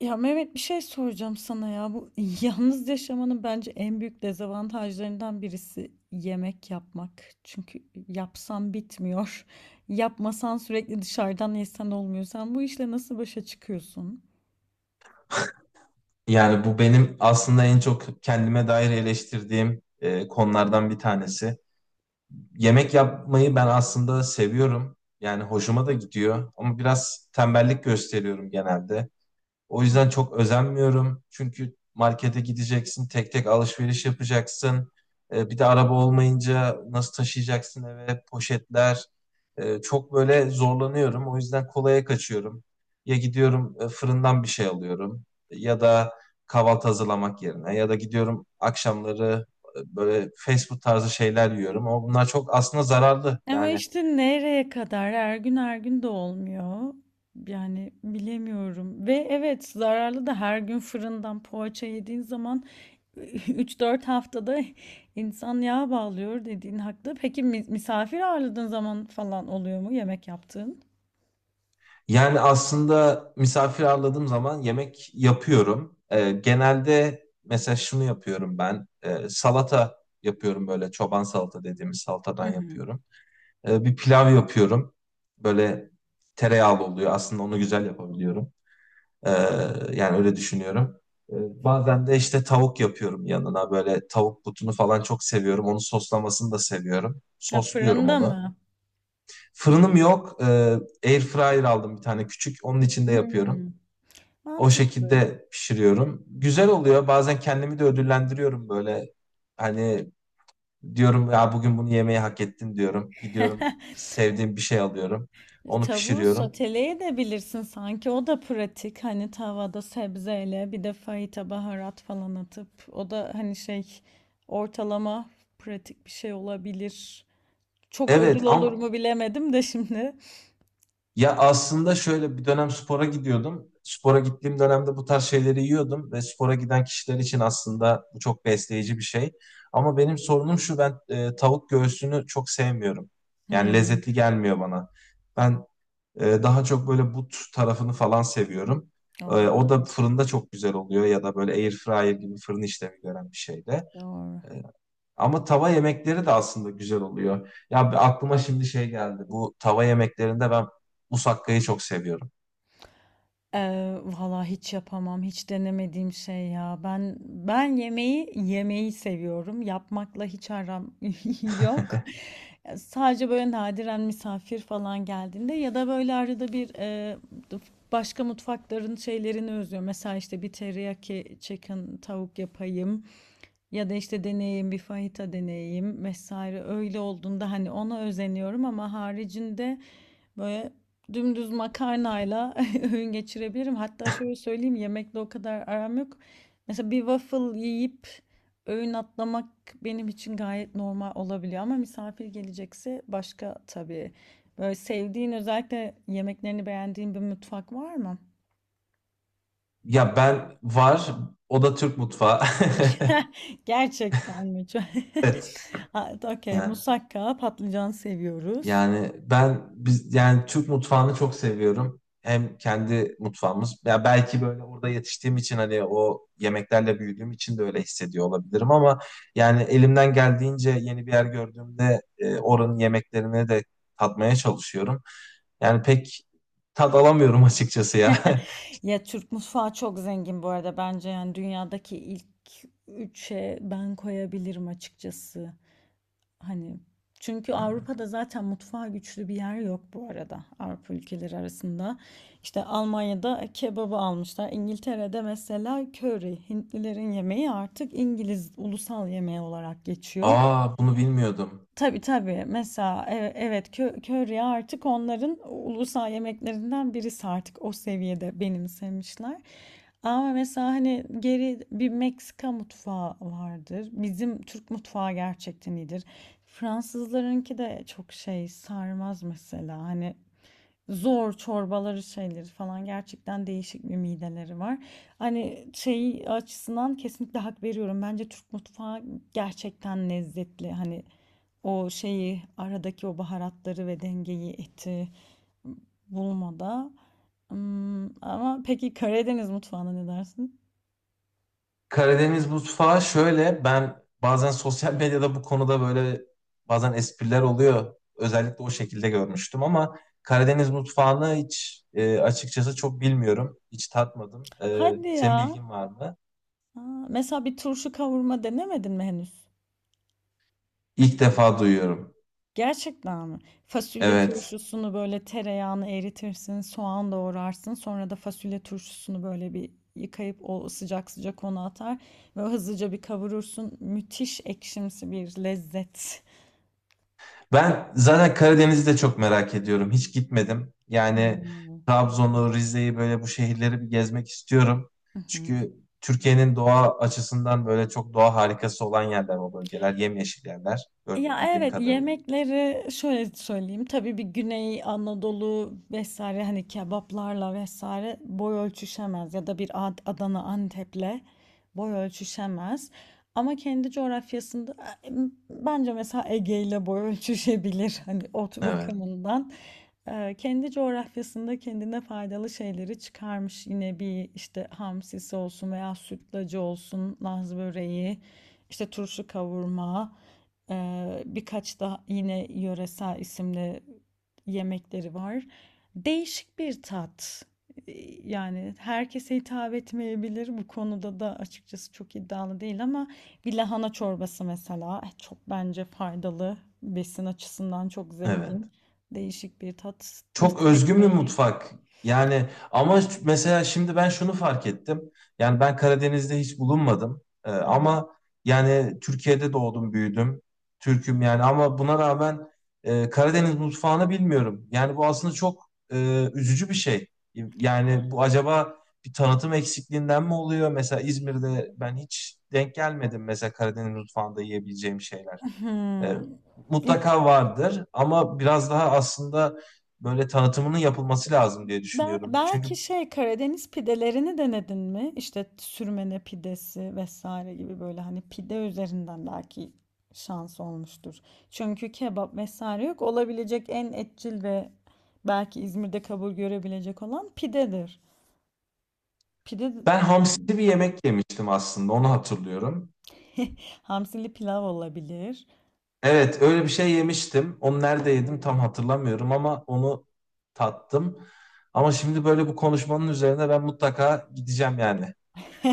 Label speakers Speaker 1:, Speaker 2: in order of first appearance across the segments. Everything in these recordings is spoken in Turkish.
Speaker 1: Ya Mehmet bir şey soracağım sana ya. Bu yalnız yaşamanın bence en büyük dezavantajlarından birisi yemek yapmak. Çünkü yapsan bitmiyor. Yapmasan sürekli dışarıdan yesen olmuyor. Sen bu işle nasıl başa çıkıyorsun?
Speaker 2: Yani bu benim aslında en çok kendime dair eleştirdiğim konulardan bir tanesi. Yemek yapmayı ben aslında seviyorum. Yani hoşuma da gidiyor ama biraz tembellik gösteriyorum genelde. O yüzden çok özenmiyorum. Çünkü markete gideceksin, tek tek alışveriş yapacaksın. Bir de araba olmayınca nasıl taşıyacaksın eve, poşetler. Çok böyle zorlanıyorum. O yüzden kolaya kaçıyorum. Ya gidiyorum fırından bir şey alıyorum ya da kahvaltı hazırlamak yerine ya da gidiyorum akşamları böyle fast food tarzı şeyler yiyorum. Ama bunlar çok aslında zararlı.
Speaker 1: Ama
Speaker 2: Yani
Speaker 1: işte nereye kadar her gün her gün de olmuyor. Yani bilemiyorum. Ve evet, zararlı da her gün fırından poğaça yediğin zaman üç dört haftada insan yağ bağlıyor dediğin haklı. Peki misafir ağırladığın zaman falan oluyor mu yemek yaptığın?
Speaker 2: Yani aslında misafir ağırladığım zaman yemek yapıyorum. Genelde mesela şunu yapıyorum ben. Salata yapıyorum böyle çoban salata dediğimiz
Speaker 1: Hı
Speaker 2: salatadan
Speaker 1: hı.
Speaker 2: yapıyorum. Bir pilav yapıyorum. Böyle tereyağlı oluyor. Aslında onu güzel yapabiliyorum. Ee, yani öyle düşünüyorum. Bazen de işte tavuk yapıyorum yanına. Böyle tavuk butunu falan çok seviyorum. Onu soslamasını da seviyorum.
Speaker 1: Ha,
Speaker 2: Sosluyorum
Speaker 1: fırında
Speaker 2: onu.
Speaker 1: mı?
Speaker 2: Fırınım yok. Air fryer aldım bir tane küçük. Onun içinde yapıyorum.
Speaker 1: Hmm.
Speaker 2: O
Speaker 1: Mantıklı.
Speaker 2: şekilde pişiriyorum. Güzel oluyor. Bazen kendimi de ödüllendiriyorum böyle. Hani diyorum ya bugün bunu yemeyi hak ettin diyorum. Gidiyorum sevdiğim bir şey alıyorum. Onu
Speaker 1: Tavuğu
Speaker 2: pişiriyorum.
Speaker 1: soteleyebilirsin sanki, o da pratik, hani tavada sebzeyle bir de fajita baharat falan atıp, o da hani şey, ortalama pratik bir şey olabilir. Çok ödül
Speaker 2: Evet
Speaker 1: olur
Speaker 2: ama
Speaker 1: mu bilemedim de şimdi.
Speaker 2: ya aslında şöyle bir dönem spora gidiyordum. Spora gittiğim dönemde bu tarz şeyleri yiyordum ve spora giden kişiler için aslında bu çok besleyici bir şey. Ama benim sorunum şu, ben tavuk göğsünü çok sevmiyorum. Yani
Speaker 1: Hmm,
Speaker 2: lezzetli gelmiyor bana. Ben daha çok böyle but tarafını falan seviyorum. O da
Speaker 1: olabilir.
Speaker 2: fırında çok güzel oluyor ya da böyle air fryer gibi fırın işlemi gören bir şeyde.
Speaker 1: Doğru.
Speaker 2: Ee, Ama tava yemekleri de aslında güzel oluyor. Ya bir aklıma şimdi şey geldi. Bu tava yemeklerinde ben musakkayı çok seviyorum.
Speaker 1: Valla hiç yapamam. Hiç denemediğim şey ya. Ben yemeği yemeyi seviyorum. Yapmakla hiç aram yok. Ya sadece böyle nadiren misafir falan geldiğinde ya da böyle arada bir başka mutfakların şeylerini özlüyorum. Mesela işte bir teriyaki chicken tavuk yapayım. Ya da işte deneyeyim, bir fajita deneyeyim vesaire. Öyle olduğunda hani ona özeniyorum ama haricinde böyle dümdüz makarnayla öğün geçirebilirim. Hatta şöyle söyleyeyim, yemekle o kadar aram yok. Mesela bir waffle yiyip öğün atlamak benim için gayet normal olabiliyor ama misafir gelecekse başka tabii. Böyle sevdiğin, özellikle yemeklerini beğendiğin bir mutfak var mı?
Speaker 2: Ya ben var, o da Türk mutfağı.
Speaker 1: Gerçekten mi?
Speaker 2: Evet.
Speaker 1: Ha, okey,
Speaker 2: Yani.
Speaker 1: musakka, patlıcan seviyoruz.
Speaker 2: Yani ben biz yani Türk mutfağını çok seviyorum. Hem kendi mutfağımız, ya belki böyle orada yetiştiğim için, hani o yemeklerle büyüdüğüm için de öyle hissediyor olabilirim ama yani elimden geldiğince yeni bir yer gördüğümde oranın yemeklerini de tatmaya çalışıyorum. Yani pek tad alamıyorum açıkçası ya.
Speaker 1: Ya Türk mutfağı çok zengin bu arada, bence yani dünyadaki ilk üçe ben koyabilirim açıkçası. Hani çünkü Avrupa'da zaten mutfağa güçlü bir yer yok bu arada, Avrupa ülkeleri arasında. İşte Almanya'da kebabı almışlar. İngiltere'de mesela köri, Hintlilerin yemeği artık İngiliz ulusal yemeği olarak geçiyor.
Speaker 2: Aa, bunu bilmiyordum.
Speaker 1: Tabii, tabii. Mesela, evet, köri artık onların ulusal yemeklerinden birisi, artık o seviyede benimsemişler. Ama mesela, hani, geri bir Meksika mutfağı vardır. Bizim Türk mutfağı gerçekten iyidir. Fransızlarınki de çok şey sarmaz mesela, hani zor çorbaları şeyleri falan, gerçekten değişik bir mideleri var. Hani şey açısından kesinlikle hak veriyorum. Bence Türk mutfağı gerçekten lezzetli. Hani o şeyi, aradaki o baharatları ve dengeyi, eti bulmada. Hmm, ama peki Karadeniz mutfağına ne dersin? Evet.
Speaker 2: Karadeniz mutfağı şöyle, ben bazen sosyal medyada bu konuda böyle bazen espriler oluyor. Özellikle o şekilde görmüştüm ama Karadeniz mutfağını hiç açıkçası çok bilmiyorum. Hiç tatmadım. E,
Speaker 1: Hadi
Speaker 2: senin
Speaker 1: ya.
Speaker 2: bilgin var mı?
Speaker 1: Aa, mesela bir turşu kavurma denemedin mi henüz?
Speaker 2: İlk defa duyuyorum.
Speaker 1: Gerçekten mi? Fasulye
Speaker 2: Evet.
Speaker 1: turşusunu böyle, tereyağını eritirsin, soğan doğrarsın. Sonra da fasulye turşusunu böyle bir yıkayıp o sıcak sıcak ona atar ve hızlıca bir kavurursun. Müthiş ekşimsi bir lezzet.
Speaker 2: Ben zaten Karadeniz'i de çok merak ediyorum. Hiç gitmedim. Yani
Speaker 1: Hmm.
Speaker 2: Trabzon'u, Rize'yi, böyle bu şehirleri bir gezmek istiyorum.
Speaker 1: Hı hı.
Speaker 2: Çünkü Türkiye'nin doğa açısından böyle çok doğa harikası olan yerler o bölgeler. Yemyeşil yerler.
Speaker 1: Ya
Speaker 2: Bildiğim
Speaker 1: evet,
Speaker 2: kadarıyla.
Speaker 1: yemekleri şöyle söyleyeyim. Tabii bir Güney Anadolu vesaire hani kebaplarla vesaire boy ölçüşemez ya da bir Adana Antep'le boy ölçüşemez. Ama kendi coğrafyasında e, bence mesela Ege ile boy ölçüşebilir hani ot
Speaker 2: Evet,
Speaker 1: bakımından. Kendi coğrafyasında kendine faydalı şeyleri çıkarmış. Yine bir işte hamsisi olsun veya sütlacı olsun, Laz böreği, işte turşu kavurma. Birkaç da yine yöresel isimli yemekleri var. Değişik bir tat. Ee, Yani herkese hitap etmeyebilir. Bu konuda da açıkçası çok iddialı değil ama bir lahana çorbası mesela çok bence faydalı. Besin açısından çok
Speaker 2: evet.
Speaker 1: zengin. Değişik bir tat.
Speaker 2: Çok
Speaker 1: Mısır
Speaker 2: özgün bir
Speaker 1: ekmeği.
Speaker 2: mutfak. Yani ama mesela şimdi ben şunu fark ettim. Yani ben Karadeniz'de hiç bulunmadım.
Speaker 1: Hı
Speaker 2: Ama yani Türkiye'de doğdum, büyüdüm. Türk'üm yani, ama buna rağmen Karadeniz mutfağını bilmiyorum. Yani bu aslında çok üzücü bir şey. Yani bu acaba bir tanıtım eksikliğinden mi oluyor? Mesela İzmir'de ben hiç denk gelmedim mesela Karadeniz mutfağında yiyebileceğim şeyler. E,
Speaker 1: hı. Hı.
Speaker 2: Mutlaka vardır ama biraz daha aslında böyle tanıtımının yapılması lazım diye düşünüyorum. Çünkü
Speaker 1: Belki şey Karadeniz pidelerini denedin mi? İşte sürmene pidesi vesaire gibi, böyle hani pide üzerinden belki şans olmuştur. Çünkü kebap vesaire yok. Olabilecek en etçil ve belki İzmir'de kabul görebilecek olan pidedir. Pide
Speaker 2: ben hamsi bir yemek yemiştim, aslında onu hatırlıyorum.
Speaker 1: hamsili pilav olabilir.
Speaker 2: Evet, öyle bir şey yemiştim. Onu nerede yedim tam hatırlamıyorum ama onu tattım. Ama şimdi böyle bu konuşmanın üzerine ben mutlaka gideceğim yani.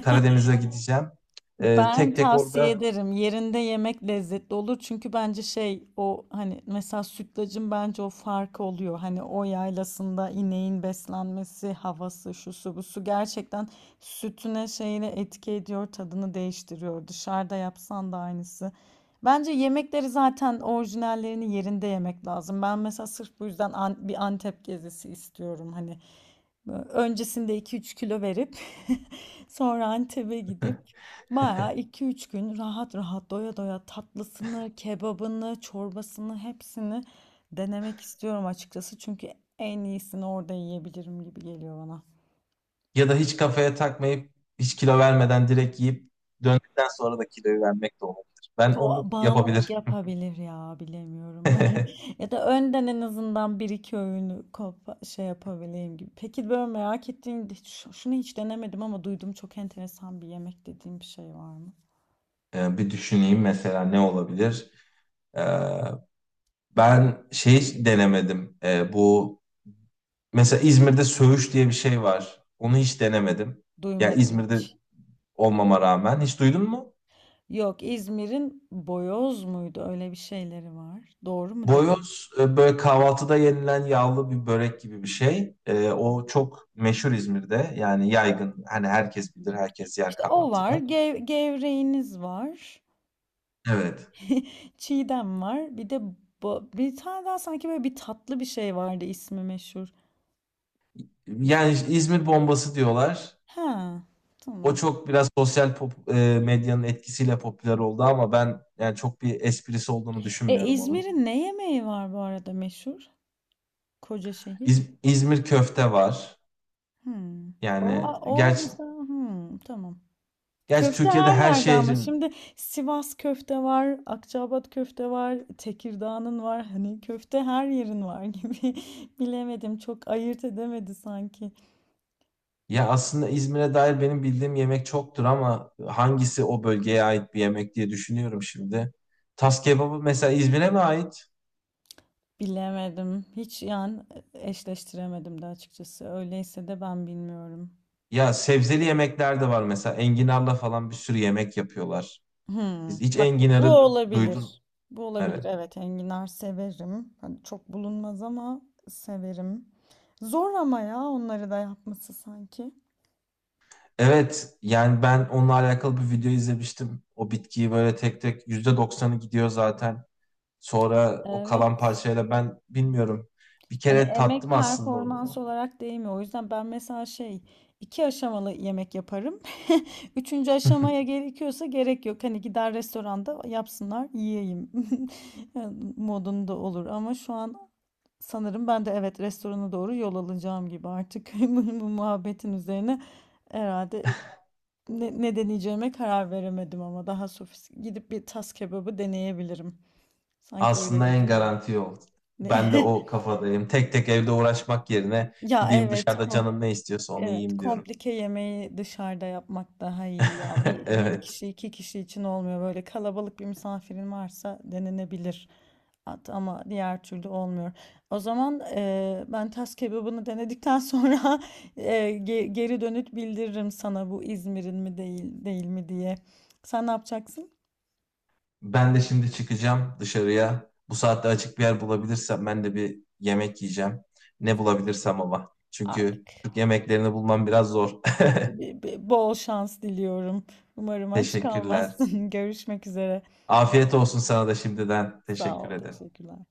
Speaker 2: Karadeniz'e gideceğim. E,
Speaker 1: Ben
Speaker 2: tek tek
Speaker 1: tavsiye
Speaker 2: orada
Speaker 1: ederim. Yerinde yemek lezzetli olur. Çünkü bence şey, o hani mesela sütlacın bence o farkı oluyor. Hani o yaylasında ineğin beslenmesi, havası, şusu busu gerçekten sütüne şeyine etki ediyor, tadını değiştiriyor. Dışarıda yapsan da aynısı. Bence yemekleri zaten orijinallerini yerinde yemek lazım. Ben mesela sırf bu yüzden bir Antep gezisi istiyorum hani. Öncesinde iki üç kilo verip sonra Antep'e gidip bayağı iki üç gün rahat rahat doya doya tatlısını, kebabını, çorbasını hepsini denemek istiyorum açıkçası. Çünkü en iyisini orada yiyebilirim gibi geliyor bana.
Speaker 2: ya da hiç kafaya takmayıp hiç kilo vermeden direkt yiyip döndükten sonra da kiloyu vermek de olabilir. Ben onu
Speaker 1: O
Speaker 2: yapabilirim.
Speaker 1: bağımlılık yapabilir ya, bilemiyorum. Ya da önden en azından bir iki öğünü şey yapabileyim gibi. Peki böyle merak ettiğin, şunu hiç denemedim ama duydum, çok enteresan bir yemek dediğim bir şey var mı?
Speaker 2: Bir düşüneyim, mesela ne olabilir? Ee, ben şey denemedim. Bu mesela İzmir'de söğüş diye bir şey var. Onu hiç denemedim. Ya
Speaker 1: Duymadım
Speaker 2: İzmir'de
Speaker 1: hiç.
Speaker 2: olmama rağmen hiç duydun mu?
Speaker 1: Yok, İzmir'in Boyoz muydu? Öyle bir şeyleri var. Doğru mu dedim?
Speaker 2: Boyoz böyle kahvaltıda yenilen yağlı bir börek gibi bir şey. O çok meşhur İzmir'de. Yani yaygın. Hani
Speaker 1: Hı
Speaker 2: herkes
Speaker 1: hı.
Speaker 2: bilir, herkes yer
Speaker 1: İşte o var.
Speaker 2: kahvaltıda.
Speaker 1: Gevreğiniz var.
Speaker 2: Evet.
Speaker 1: Çiğdem var. Bir de bir tane daha sanki, böyle bir tatlı bir şey vardı, ismi meşhur. İsmi.
Speaker 2: Yani İzmir bombası diyorlar.
Speaker 1: Ha,
Speaker 2: O
Speaker 1: tamam.
Speaker 2: çok biraz medyanın etkisiyle popüler oldu ama ben yani çok bir esprisi olduğunu
Speaker 1: E,
Speaker 2: düşünmüyorum onun.
Speaker 1: İzmir'in ne yemeği var bu arada meşhur? Koca şehir.
Speaker 2: İzmir köfte var.
Speaker 1: Hmm. O,
Speaker 2: Yani
Speaker 1: o
Speaker 2: gerçi,
Speaker 1: mesela, hmm, tamam.
Speaker 2: gerçi
Speaker 1: Köfte
Speaker 2: Türkiye'de
Speaker 1: her
Speaker 2: her
Speaker 1: yerde ama
Speaker 2: şehrin
Speaker 1: şimdi Sivas köfte var, Akçaabat köfte var, Tekirdağ'ın var. Hani köfte her yerin var gibi. Bilemedim, çok ayırt edemedi sanki.
Speaker 2: ya aslında İzmir'e dair benim bildiğim yemek çoktur ama hangisi o bölgeye ait bir yemek diye düşünüyorum şimdi. Tas kebabı mesela İzmir'e mi ait?
Speaker 1: Bilemedim. Hiç yani eşleştiremedim de açıkçası. Öyleyse de ben bilmiyorum.
Speaker 2: Ya sebzeli yemekler de var, mesela enginarla falan bir sürü yemek yapıyorlar.
Speaker 1: Hmm.
Speaker 2: Hiç
Speaker 1: Bak bu
Speaker 2: enginarı duydun?
Speaker 1: olabilir. Bu olabilir.
Speaker 2: Evet.
Speaker 1: Evet, enginar severim. Hani çok bulunmaz ama severim. Zor ama ya, onları da yapması sanki.
Speaker 2: Evet, yani ben onunla alakalı bir video izlemiştim. O bitkiyi böyle tek tek %90'ı gidiyor zaten. Sonra o kalan
Speaker 1: Evet.
Speaker 2: parçayla ben bilmiyorum. Bir
Speaker 1: Hani
Speaker 2: kere
Speaker 1: emek
Speaker 2: tattım aslında
Speaker 1: performans
Speaker 2: onu.
Speaker 1: olarak değmiyor. O yüzden ben mesela şey, iki aşamalı yemek yaparım. Üçüncü aşamaya gerekiyorsa gerek yok. Hani gider restoranda yapsınlar yiyeyim yani modunda olur. Ama şu an sanırım ben de, evet, restorana doğru yol alacağım gibi artık bu muhabbetin üzerine herhalde ne, ne deneyeceğime karar veremedim ama daha sofist gidip bir tas kebabı deneyebilirim. Sanki öyle
Speaker 2: Aslında en
Speaker 1: gözüküyor.
Speaker 2: garanti yol.
Speaker 1: Ne?
Speaker 2: Ben de o kafadayım. Tek tek evde uğraşmak yerine
Speaker 1: Ya
Speaker 2: gideyim
Speaker 1: evet,
Speaker 2: dışarıda canım ne istiyorsa onu
Speaker 1: evet,
Speaker 2: yiyeyim diyorum.
Speaker 1: komplike yemeği dışarıda yapmak daha iyi ya. Bir, bir
Speaker 2: Evet.
Speaker 1: kişi, iki kişi için olmuyor. Böyle kalabalık bir misafirin varsa denenebilir. Ama diğer türlü olmuyor. O zaman ben tas kebabını denedikten sonra geri dönüt bildiririm sana bu İzmir'in mi, değil değil mi diye. Sen ne yapacaksın?
Speaker 2: Ben de şimdi çıkacağım dışarıya. Bu saatte açık bir yer bulabilirsem ben de bir yemek yiyeceğim. Ne bulabilirsem ama. Çünkü
Speaker 1: Artık
Speaker 2: Türk yemeklerini bulmam biraz zor.
Speaker 1: bol şans diliyorum. Umarım aç
Speaker 2: Teşekkürler.
Speaker 1: kalmazsın. Görüşmek üzere.
Speaker 2: Afiyet olsun sana da şimdiden.
Speaker 1: Sağ
Speaker 2: Teşekkür
Speaker 1: ol,
Speaker 2: ederim.
Speaker 1: teşekkürler.